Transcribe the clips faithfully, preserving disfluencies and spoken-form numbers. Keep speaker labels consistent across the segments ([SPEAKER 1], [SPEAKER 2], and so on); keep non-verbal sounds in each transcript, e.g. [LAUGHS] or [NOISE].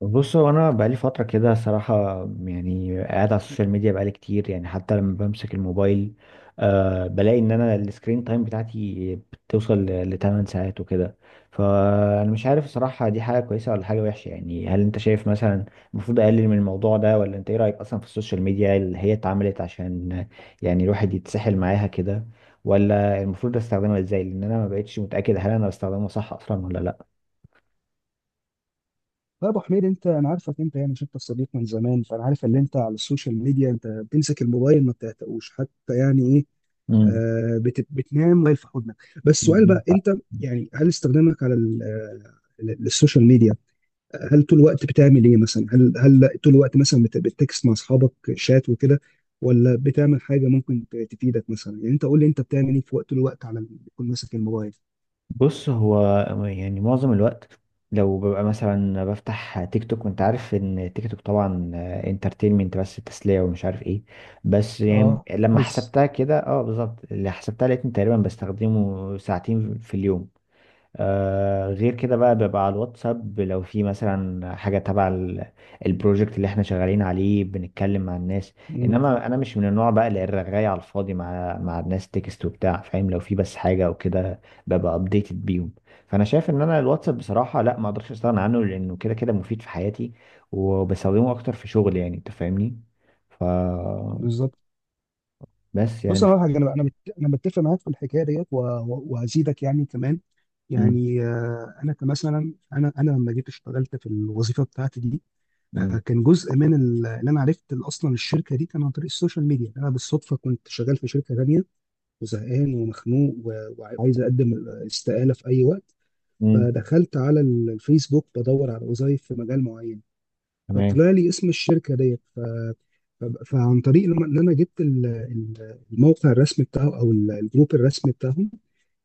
[SPEAKER 1] بص هو انا بقالي فتره كده صراحه، يعني قاعد على السوشيال ميديا بقالي كتير. يعني حتى لما بمسك الموبايل أه بلاقي ان انا السكرين تايم بتاعتي بتوصل ل ثماني ساعات وكده. فانا مش عارف الصراحه، دي حاجه كويسه ولا حاجه وحشه؟ يعني هل انت شايف مثلا المفروض اقلل من الموضوع ده، ولا انت ايه رايك اصلا في السوشيال ميديا اللي هي اتعملت عشان يعني الواحد يتسحل معاها كده، ولا المفروض استخدمها ازاي؟ لان انا ما بقتش متاكد هل انا بستخدمها صح اصلا ولا لا.
[SPEAKER 2] لا يا ابو حميد، انت انا عارفك، انت يعني شفت الصديق من زمان، فانا عارف ان انت على السوشيال ميديا، انت بتمسك الموبايل ما بتعتقوش حتى، يعني ايه، آه، بت بتنام موبايل في حضنك. بس السؤال
[SPEAKER 1] امم
[SPEAKER 2] بقى، انت يعني هل استخدامك على ال- آه، ال- السوشيال ميديا، آه، هل طول الوقت بتعمل ايه مثلا؟ هل هل طول الوقت مثلا بت- بتكست مع اصحابك شات وكده؟ ولا بتعمل حاجه ممكن ت- تفيدك مثلا؟ يعني انت قول لي انت بتعمل ايه في وقت طول الوقت على ال- بتكون ماسك الموبايل.
[SPEAKER 1] بص هو يعني معظم الوقت لو ببقى مثلا بفتح تيك توك، وانت عارف ان تيك توك طبعا انترتينمنت بس، تسلية ومش عارف ايه. بس يعني
[SPEAKER 2] اه.
[SPEAKER 1] لما
[SPEAKER 2] هلس.
[SPEAKER 1] حسبتها كده، اه بالظبط اللي حسبتها لقيتني تقريبا بستخدمه ساعتين في اليوم. آه، غير كده بقى بيبقى على الواتساب لو في مثلا حاجة تبع ال- البروجكت اللي احنا شغالين عليه، بنتكلم مع الناس.
[SPEAKER 2] امم.
[SPEAKER 1] انما انا مش من النوع بقى اللي الرغاية على الفاضي مع مع الناس تكست وبتاع، فاهم؟ لو في بس حاجة او كده ببقى ابديتد بيهم. فانا شايف ان انا الواتساب بصراحة لا، ما اقدرش استغنى عنه لانه كده كده مفيد في حياتي، وبستخدمه اكتر في شغل يعني، انت فاهمني؟ ف
[SPEAKER 2] بالظبط.
[SPEAKER 1] بس
[SPEAKER 2] بص،
[SPEAKER 1] يعني
[SPEAKER 2] انا
[SPEAKER 1] ف...
[SPEAKER 2] أقول لك حاجه، انا انا مت- أنا متفق معاك في الحكايه ديت و- و- وهزيدك يعني كمان.
[SPEAKER 1] م-.
[SPEAKER 2] يعني آه، انا كمثلا، انا انا لما جيت اشتغلت في الوظيفه بتاعتي دي، آه،
[SPEAKER 1] م-.
[SPEAKER 2] كان جزء من ال- اللي انا عرفت ال- اصلا الشركه دي كان عن طريق السوشيال ميديا. انا بالصدفه كنت شغال في شركه تانيه، وزهقان ومخنوق و- وعايز اقدم استقاله في اي وقت.
[SPEAKER 1] م-.
[SPEAKER 2] فدخلت على ال- الفيسبوك بدور على وظائف في مجال معين،
[SPEAKER 1] تمام.
[SPEAKER 2] فطلع لي اسم الشركه ديت. ف... ف- فعن طريق لما ان انا جبت ال- ال- الموقع الرسمي بتاعه او ال- الجروب الرسمي بتاعهم،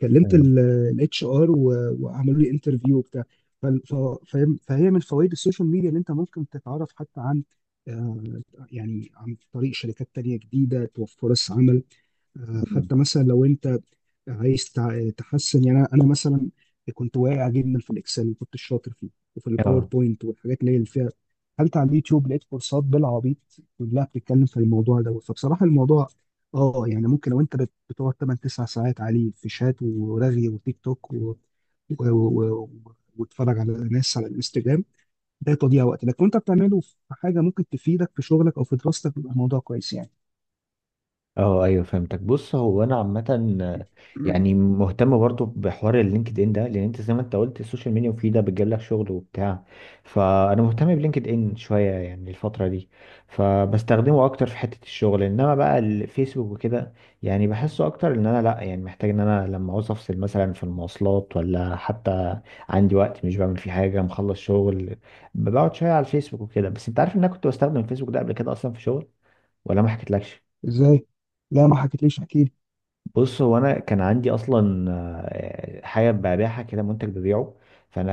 [SPEAKER 2] كلمت
[SPEAKER 1] تمام.
[SPEAKER 2] الاتش ار وعملوا لي انترفيو وبتاع. ف- ف- فاهم- فهي من فوائد السوشيال ميديا ان انت ممكن تتعرف حتى عن، آه، يعني عن طريق شركات تانية جديدة توفر فرص عمل. آه،
[SPEAKER 1] م-.
[SPEAKER 2] حتى مثلا لو انت عايز تع- تحسن، يعني انا أنا مثلا كنت واقع جدا في الاكسل، ما كنتش شاطر فيه وفي
[SPEAKER 1] اه.
[SPEAKER 2] الباوربوينت والحاجات اللي هي اللي فيها. دخلت على اليوتيوب لقيت كورسات بالعبيط كلها بتتكلم في الموضوع دوت. فبصراحه الموضوع، اه يعني، ممكن لو انت بت- بتقعد تمانية تسعة ساعات عليه في شات ورغي وتيك توك و... و... و... و... وتتفرج على ناس على الانستجرام، ده تضييع وقت. لكن انت بتعمله في حاجه ممكن تفيدك في شغلك او في دراستك بيبقى الموضوع كويس يعني.
[SPEAKER 1] اه ايوه فهمتك. بص هو انا عامه آه، يعني مهتم برضو بحوار اللينكد ان ده، لان انت زي ما انت قلت، السوشيال ميديا مفيده بتجيب لك شغل وبتاع. فانا مهتم بلينكد ان شويه يعني الفتره دي، فبستخدمه اكتر في حته الشغل. انما بقى الفيسبوك وكده، يعني بحسه اكتر ان انا لا يعني محتاج ان انا لما عاوز افصل مثلا في المواصلات، ولا حتى عندي وقت مش بعمل فيه حاجه، مخلص شغل، بقعد شويه على الفيسبوك وكده. بس انت عارف ان انا كنت بستخدم الفيسبوك ده قبل كده اصلا في شغل، ولا ما حكيتلكش؟
[SPEAKER 2] ازاي؟ لا ما حكيتليش، احكي لي.
[SPEAKER 1] بص هو انا كان عندي اصلا آه، حاجه ببيعها كده، منتج ببيعه. فانا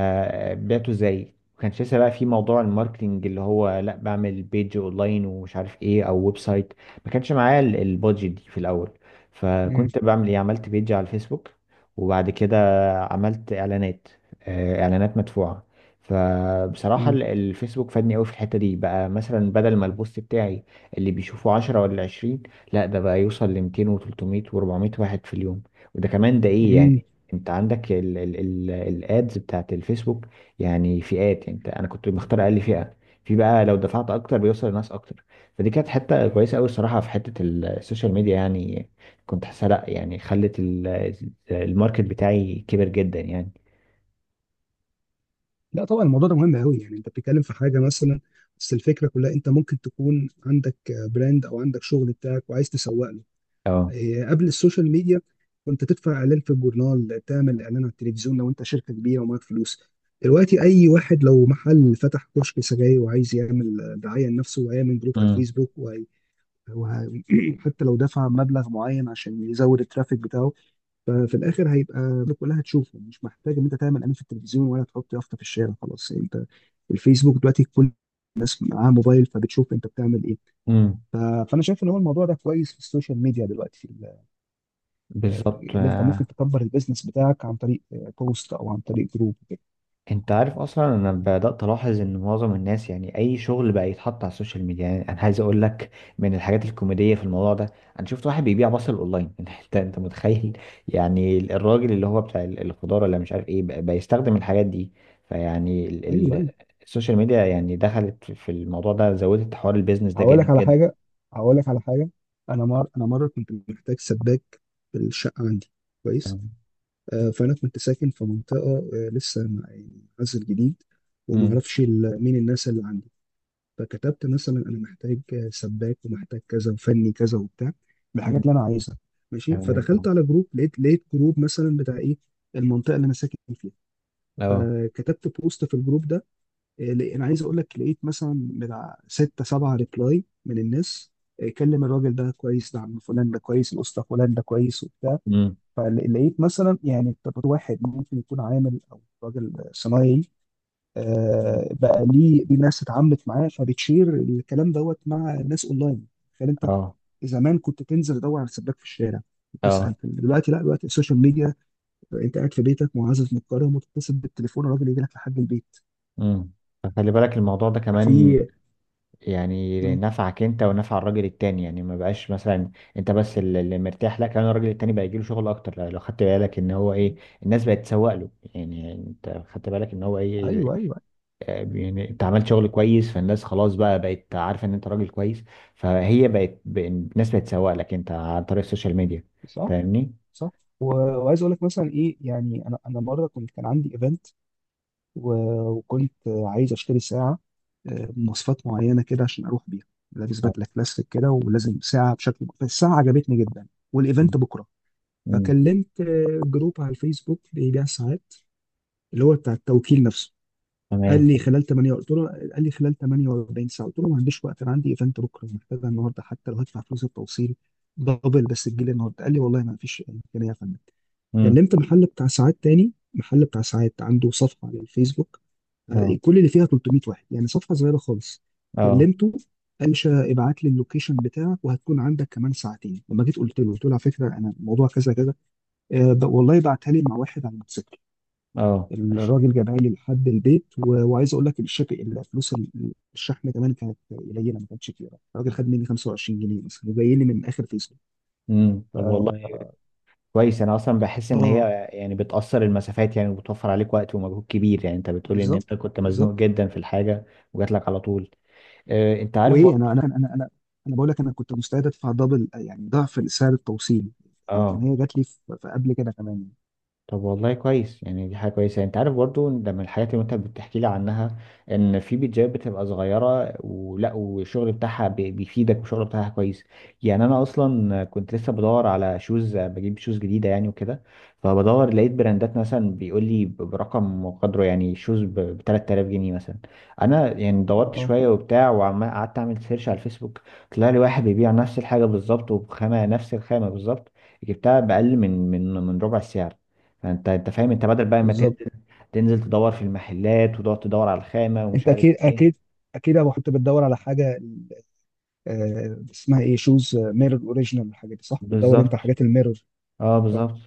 [SPEAKER 1] آه، بعته ازاي؟ ما كانش لسه بقى في موضوع الماركتنج اللي هو لا بعمل بيج اونلاين ومش عارف ايه، او ويب سايت. ما كانش معايا ال- البادجت دي في الاول.
[SPEAKER 2] امم.
[SPEAKER 1] فكنت بعمل ايه؟ عملت بيج على الفيسبوك وبعد كده عملت اعلانات آه، اعلانات مدفوعه. فبصراحة
[SPEAKER 2] امم.
[SPEAKER 1] ال- الفيسبوك فادني قوي في الحتة دي، بقى مثلا بدل ما البوست بتاعي اللي بيشوفه عشرة ولا عشرين، لا ده بقى يوصل ل ميتين و300 و400 واحد في اليوم. وده كمان ده ايه
[SPEAKER 2] امم.
[SPEAKER 1] يعني؟ انت عندك ال ال ال الادز بتاعت الفيسبوك يعني فئات، يعني انت انا كنت مختار اقل فئة. في بقى لو دفعت اكتر بيوصل لناس اكتر. فدي كانت حتة كويسة قوي الصراحة في حتة ال- السوشيال ميديا، يعني كنت حاسة لا يعني خلت ال- الماركت بتاعي كبر جدا يعني.
[SPEAKER 2] لا طبعا، الموضوع ده مهم قوي، يعني انت بتتكلم في حاجه مثلا. بس الفكره كلها انت ممكن تكون عندك براند او عندك شغل بتاعك وعايز تسوق له.
[SPEAKER 1] اه.
[SPEAKER 2] إيه، قبل السوشيال ميديا كنت تدفع اعلان في الجورنال، تعمل اعلان على التلفزيون لو انت شركه كبيره ومعاك فلوس. دلوقتي اي واحد لو محل، فتح كشك سجاير وعايز يعمل دعايه لنفسه، وهيعمل جروب على
[SPEAKER 1] امم.
[SPEAKER 2] الفيسبوك وهي... وه... [CLEARS THROAT] حتى لو دفع مبلغ معين عشان يزود الترافيك بتاعه. ففي الاخر هيبقى الناس كلها هتشوفه، مش محتاج ان انت تعمل اعلان في التلفزيون ولا تحط يافطه في الشارع، خلاص انت الفيسبوك دلوقتي كل الناس معاها موبايل فبتشوف انت بتعمل ايه.
[SPEAKER 1] امم
[SPEAKER 2] ف- فانا شايف ان هو الموضوع ده كويس في السوشيال ميديا دلوقتي، في ال- آه،
[SPEAKER 1] بالظبط.
[SPEAKER 2] اللي انت
[SPEAKER 1] آه.
[SPEAKER 2] ممكن تكبر البيزنس بتاعك عن طريق آه، بوست او عن طريق جروب وكده.
[SPEAKER 1] انت عارف اصلا انا بدات الاحظ ان معظم الناس يعني اي شغل بقى يتحط على السوشيال ميديا. يعني انا عايز اقول لك من الحاجات الكوميديه في الموضوع ده، انا شفت واحد بيبيع بصل اونلاين [LAUGHS] انت انت متخيل؟ يعني الراجل اللي هو بتاع ال- الخضار ولا مش عارف ايه بقى بيستخدم الحاجات دي. فيعني ال-
[SPEAKER 2] ايوه،
[SPEAKER 1] ال-
[SPEAKER 2] ايوه.
[SPEAKER 1] السوشيال ميديا يعني دخلت في في الموضوع ده، زودت حوار البيزنس ده
[SPEAKER 2] هقول لك
[SPEAKER 1] جامد
[SPEAKER 2] على
[SPEAKER 1] جدا.
[SPEAKER 2] حاجه هقول لك على حاجه انا مر... انا مره كنت محتاج سباك في الشقه عندي. كويس.
[SPEAKER 1] تمام.
[SPEAKER 2] آه، فانا كنت ساكن في منطقه، آه، لسه مع- يعني عزل جديد، وما
[SPEAKER 1] امم.
[SPEAKER 2] اعرفش ال- مين الناس اللي عندي. فكتبت مثلا انا محتاج، آه، سباك ومحتاج كذا وفني كذا وبتاع، بالحاجات
[SPEAKER 1] امم.
[SPEAKER 2] اللي انا عايزها. ماشي.
[SPEAKER 1] تمام. اه.
[SPEAKER 2] فدخلت على جروب، لقيت لقيت جروب مثلا بتاع ايه، المنطقه اللي انا ساكن فيها.
[SPEAKER 1] اه.
[SPEAKER 2] فكتبت بوست في الجروب ده، آه، لق- انا عايز اقول لك لقيت مثلا بتاع ستة سبعة ريبلاي من الناس. آه، كلم الراجل ده كويس، ده عم فلان ده كويس، الاسطى فلان ده كويس.
[SPEAKER 1] امم.
[SPEAKER 2] فلقيت مثلا يعني طب واحد ممكن يكون عامل او راجل صنايعي،
[SPEAKER 1] امم.
[SPEAKER 2] آه، بقى ليه ليه ناس اتعاملت معاه، فبتشير الكلام دوت مع ناس اونلاين. تخيل انت،
[SPEAKER 1] اه.
[SPEAKER 2] زمان كنت تنزل تدور على سباك في الشارع وتسال.
[SPEAKER 1] اه.
[SPEAKER 2] دلوقتي لا، دلوقتي السوشيال ميديا انت قاعد في بيتك معزز مكرم وتتصل بالتليفون الراجل يجي لك لحد البيت.
[SPEAKER 1] امم. فخلي بالك الموضوع ده كمان
[SPEAKER 2] في.
[SPEAKER 1] يعني
[SPEAKER 2] مم.
[SPEAKER 1] نفعك انت ونفع الراجل التاني، يعني ما بقاش مثلا انت بس اللي اللي مرتاح، لا كمان الراجل التاني بقى يجيله شغل اكتر، لو لو خدت بالك ان هو ايه، الناس بقت تسوق له. يعني انت خدت بالك ان هو ايه؟
[SPEAKER 2] ايوه. ايوه.
[SPEAKER 1] اه، يعني انت عملت شغل كويس فالناس خلاص بقى بقت عارفه ان انت راجل كويس، فهي بقت ب- الناس بقت تسوق لك انت عن طريق السوشيال ميديا.
[SPEAKER 2] صح.
[SPEAKER 1] فاهمني؟
[SPEAKER 2] صح. و- وعايز اقول لك مثلا ايه يعني، انا انا مره كنت كان عندي ايفنت، و- وكنت عايز اشتري ساعه، آه، بمواصفات معينه كده عشان اروح بيها لابس
[SPEAKER 1] اه.
[SPEAKER 2] بدله كلاسيك كده ولازم ساعه بشكل. فالساعه عجبتني جدا
[SPEAKER 1] امم.
[SPEAKER 2] والايفنت بكره.
[SPEAKER 1] امم.
[SPEAKER 2] فكلمت آه، جروب على الفيسبوك بيبيع ساعات اللي هو بتاع التوكيل نفسه. قال
[SPEAKER 1] تمام.
[SPEAKER 2] لي خلال تمانية، قلت له، قال لي خلال تمانية واربعين ساعه، قلت له ما عنديش وقت، انا عندي ايفنت بكره، محتاجها النهارده حتى لو هدفع فلوس التوصيل دبل بس تجيلي النهارده. قال لي والله ما فيش امكانيه يا فندم.
[SPEAKER 1] امم.
[SPEAKER 2] كلمت محل بتاع ساعات تاني، محل بتاع ساعات عنده صفحه على الفيسبوك
[SPEAKER 1] اه.
[SPEAKER 2] كل اللي فيها تلتمية واحد يعني، صفحه صغيره خالص.
[SPEAKER 1] اه.
[SPEAKER 2] كلمته، قال لي شا- ابعت لي اللوكيشن بتاعك وهتكون عندك كمان ساعتين. لما جيت قلت له، قلت له على فكره انا الموضوع كذا كذا، آه، ب- والله بعتها لي مع واحد على الموتوسيكل.
[SPEAKER 1] اه ماشي.
[SPEAKER 2] الراجل جابها لي لحد البيت، و- وعايز اقول لك الشك، الفلوس ال- الشحن كمان كانت قليله، ما كانتش كتيره، الراجل خد مني خمسة وعشرين جنيه مثلا، وجاي لي من اخر فيسبوك.
[SPEAKER 1] امم.
[SPEAKER 2] ف-
[SPEAKER 1] طب والله كويس، انا اصلا بحس ان
[SPEAKER 2] اه
[SPEAKER 1] هي يعني بتقصر المسافات يعني، وبتوفر عليك وقت ومجهود كبير يعني. انت بتقولي ان
[SPEAKER 2] بالظبط،
[SPEAKER 1] انت كنت مزنوق
[SPEAKER 2] بالظبط.
[SPEAKER 1] جدا في الحاجه وجات لك على طول. آه، انت عارف
[SPEAKER 2] وايه، انا
[SPEAKER 1] برضه؟
[SPEAKER 2] انا انا انا انا بقول لك انا كنت مستعد ادفع دبل يعني ضعف سعر التوصيل، لكن
[SPEAKER 1] اه.
[SPEAKER 2] هي جات لي في في قبل كده كمان.
[SPEAKER 1] طب والله كويس يعني دي حاجة كويسة. انت عارف برضو ده من الحاجات اللي انت بتحكي لي عنها، ان في بيتزايات بتبقى صغيرة ولا، والشغل بتاعها بي- بيفيدك، والشغل بتاعها كويس. يعني انا اصلا كنت لسه بدور على شوز، بجيب شوز جديدة يعني وكده. فبدور، لقيت براندات مثلا بيقول لي ب- برقم وقدره يعني، شوز ب ثلاثة آلاف جنيه مثلا. انا يعني دورت
[SPEAKER 2] اه
[SPEAKER 1] شوية وبتاع، وقعدت اعمل سيرش على الفيسبوك، طلع لي واحد بيبيع نفس الحاجة بالظبط، وبخامة نفس الخامة بالظبط، جبتها بأقل من من من ربع السعر. فانت انت فاهم انت بدل بقى ما تن-
[SPEAKER 2] بالظبط.
[SPEAKER 1] تنزل تدور في المحلات، وتقعد تدور على الخامة ومش
[SPEAKER 2] انت
[SPEAKER 1] عارف
[SPEAKER 2] اكيد،
[SPEAKER 1] ايه.
[SPEAKER 2] اكيد اكيد يا ابو، كنت بتدور على حاجه، آه، اسمها ايه، شوز ميرور اوريجينال، الحاجات دي، صح؟ بتدور انت
[SPEAKER 1] بالظبط.
[SPEAKER 2] على حاجات الميرور،
[SPEAKER 1] اه
[SPEAKER 2] صح؟
[SPEAKER 1] بالظبط.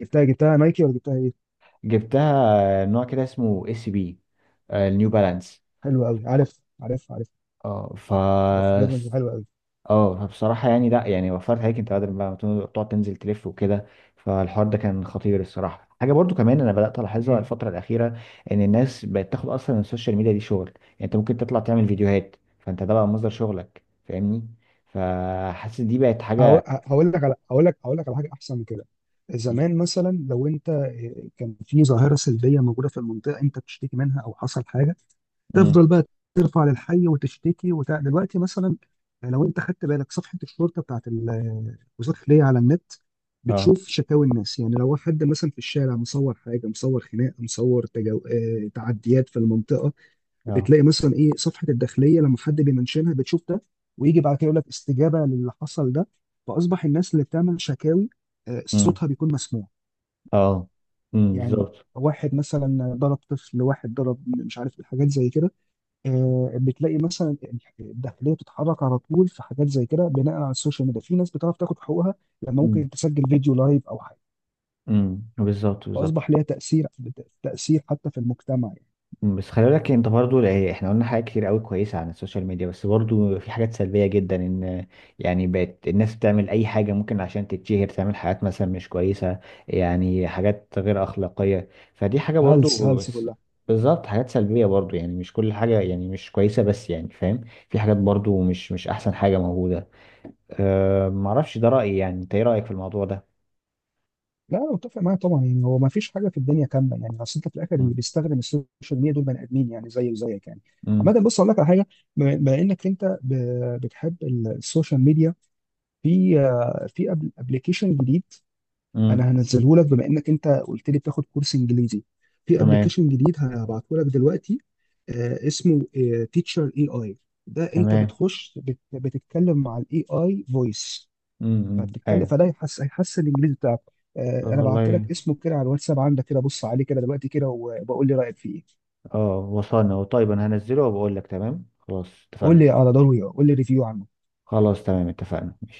[SPEAKER 2] جبتها جبتها نايكي ولا جبتها ايه؟
[SPEAKER 1] جبتها نوع كده اسمه اس بي، النيو بالانس.
[SPEAKER 2] حلو قوي، عارف عارف عارف.
[SPEAKER 1] اه. ف.
[SPEAKER 2] عارف الجزمه دي حلوه
[SPEAKER 1] اه فبصراحة يعني لا يعني وفرت عليك انت بدل ما تن- تقعد تنزل تلف وكده. فالحوار ده كان خطير الصراحة. حاجة برضو كمان انا بدأت الاحظها
[SPEAKER 2] قوي.
[SPEAKER 1] الفترة الأخيرة، ان الناس بقت تاخد اصلا السوشيال ميديا دي شغل، يعني انت ممكن تطلع تعمل فيديوهات فانت ده بقى مصدر شغلك، فاهمني؟ فحاسس دي بقت
[SPEAKER 2] هقو-
[SPEAKER 1] حاجة.
[SPEAKER 2] هقول لك على هقول لك هقول لك على حاجه احسن من كده. زمان مثلا لو انت، إيه، كان في ظاهره سلبيه موجوده في المنطقه انت بتشتكي منها او حصل حاجه،
[SPEAKER 1] امم.
[SPEAKER 2] تفضل بقى ترفع للحي وتشتكي وتع... دلوقتي مثلا لو انت خدت بالك صفحه الشرطه بتاعت ال- وزاره الخليه على النت،
[SPEAKER 1] اه.
[SPEAKER 2] بتشوف شكاوي الناس، يعني لو حد مثلا في الشارع مصور حاجه، مصور خناقه، مصور تجو... آه، تعديات في المنطقه،
[SPEAKER 1] اه.
[SPEAKER 2] بتلاقي مثلا ايه، صفحه الداخليه لما حد بيمنشنها بتشوف ده، ويجي بعد كده يقول لك استجابه للي حصل ده. فاصبح الناس اللي بتعمل شكاوي آه،
[SPEAKER 1] امم.
[SPEAKER 2] صوتها بيكون مسموع.
[SPEAKER 1] اه. امم
[SPEAKER 2] يعني
[SPEAKER 1] بالظبط.
[SPEAKER 2] واحد مثلا ضرب طفل، واحد ضرب مش عارف، الحاجات زي كده، آه، بتلاقي مثلا الداخليه بتتحرك على طول في حاجات زي كده بناء على السوشيال ميديا. في ناس بتعرف تاخد حقوقها لما
[SPEAKER 1] امم.
[SPEAKER 2] ممكن تسجل فيديو لايف او حاجه.
[SPEAKER 1] امم بالظبط. بالظبط.
[SPEAKER 2] فاصبح ليها تاثير، تاثير حتى في المجتمع يعني.
[SPEAKER 1] أمم، بس خلي بالك انت برضو يعني احنا قلنا حاجات كتير قوي كويسه عن السوشيال ميديا، بس برضو في حاجات سلبيه جدا، ان يعني بقت الناس بتعمل اي حاجه ممكن عشان تتشهر، تعمل حاجات مثلا مش كويسه، يعني حاجات غير اخلاقيه. فدي حاجه
[SPEAKER 2] هلس
[SPEAKER 1] برضو،
[SPEAKER 2] هلس
[SPEAKER 1] بس
[SPEAKER 2] كلها.
[SPEAKER 1] بالظبط حاجات سلبيه برضو. يعني مش كل حاجه يعني مش كويسه بس، يعني فاهم؟ في حاجات برضو مش مش احسن حاجه موجوده. أه معرفش، ده رايي، يعني انت ايه رايك في الموضوع ده؟
[SPEAKER 2] لا انا متفق معاك طبعا، يعني هو ما فيش حاجه في الدنيا كامله، يعني اصل انت في الاخر اللي
[SPEAKER 1] مم.
[SPEAKER 2] بيستخدم السوشيال ميديا دول بني ادمين يعني زي وزيك يعني.
[SPEAKER 1] مم.
[SPEAKER 2] عامه بص اقول لك على حاجه، بما بما انك انت ب- بتحب ال- السوشيال ميديا، في آه، في ابلكيشن جديد
[SPEAKER 1] مم.
[SPEAKER 2] انا هنزله لك. بما انك انت قلت لي بتاخد كورس انجليزي، في
[SPEAKER 1] تمام.
[SPEAKER 2] ابلكيشن جديد هبعته لك دلوقتي، آه، اسمه تيتشر اي اي. ده انت
[SPEAKER 1] تمام.
[SPEAKER 2] بتخش بت- بتتكلم مع الاي اي فويس،
[SPEAKER 1] مم. مم.
[SPEAKER 2] فهتتكلم،
[SPEAKER 1] ايوه.
[SPEAKER 2] فده هيحس هيحسن الانجليزي بتاعك. آه،
[SPEAKER 1] طب
[SPEAKER 2] انا بعت
[SPEAKER 1] والله.
[SPEAKER 2] لك اسمه كده على الواتساب عندك كده، بص عليه كده دلوقتي كده، وبقول لي رايك فيه ايه.
[SPEAKER 1] اه وصلنا طيب، انا هنزله وبقول لك، تمام خلاص
[SPEAKER 2] قول
[SPEAKER 1] اتفقنا.
[SPEAKER 2] لي على ضروري قول لي ريفيو عنه.
[SPEAKER 1] خلاص تمام اتفقنا ماشي.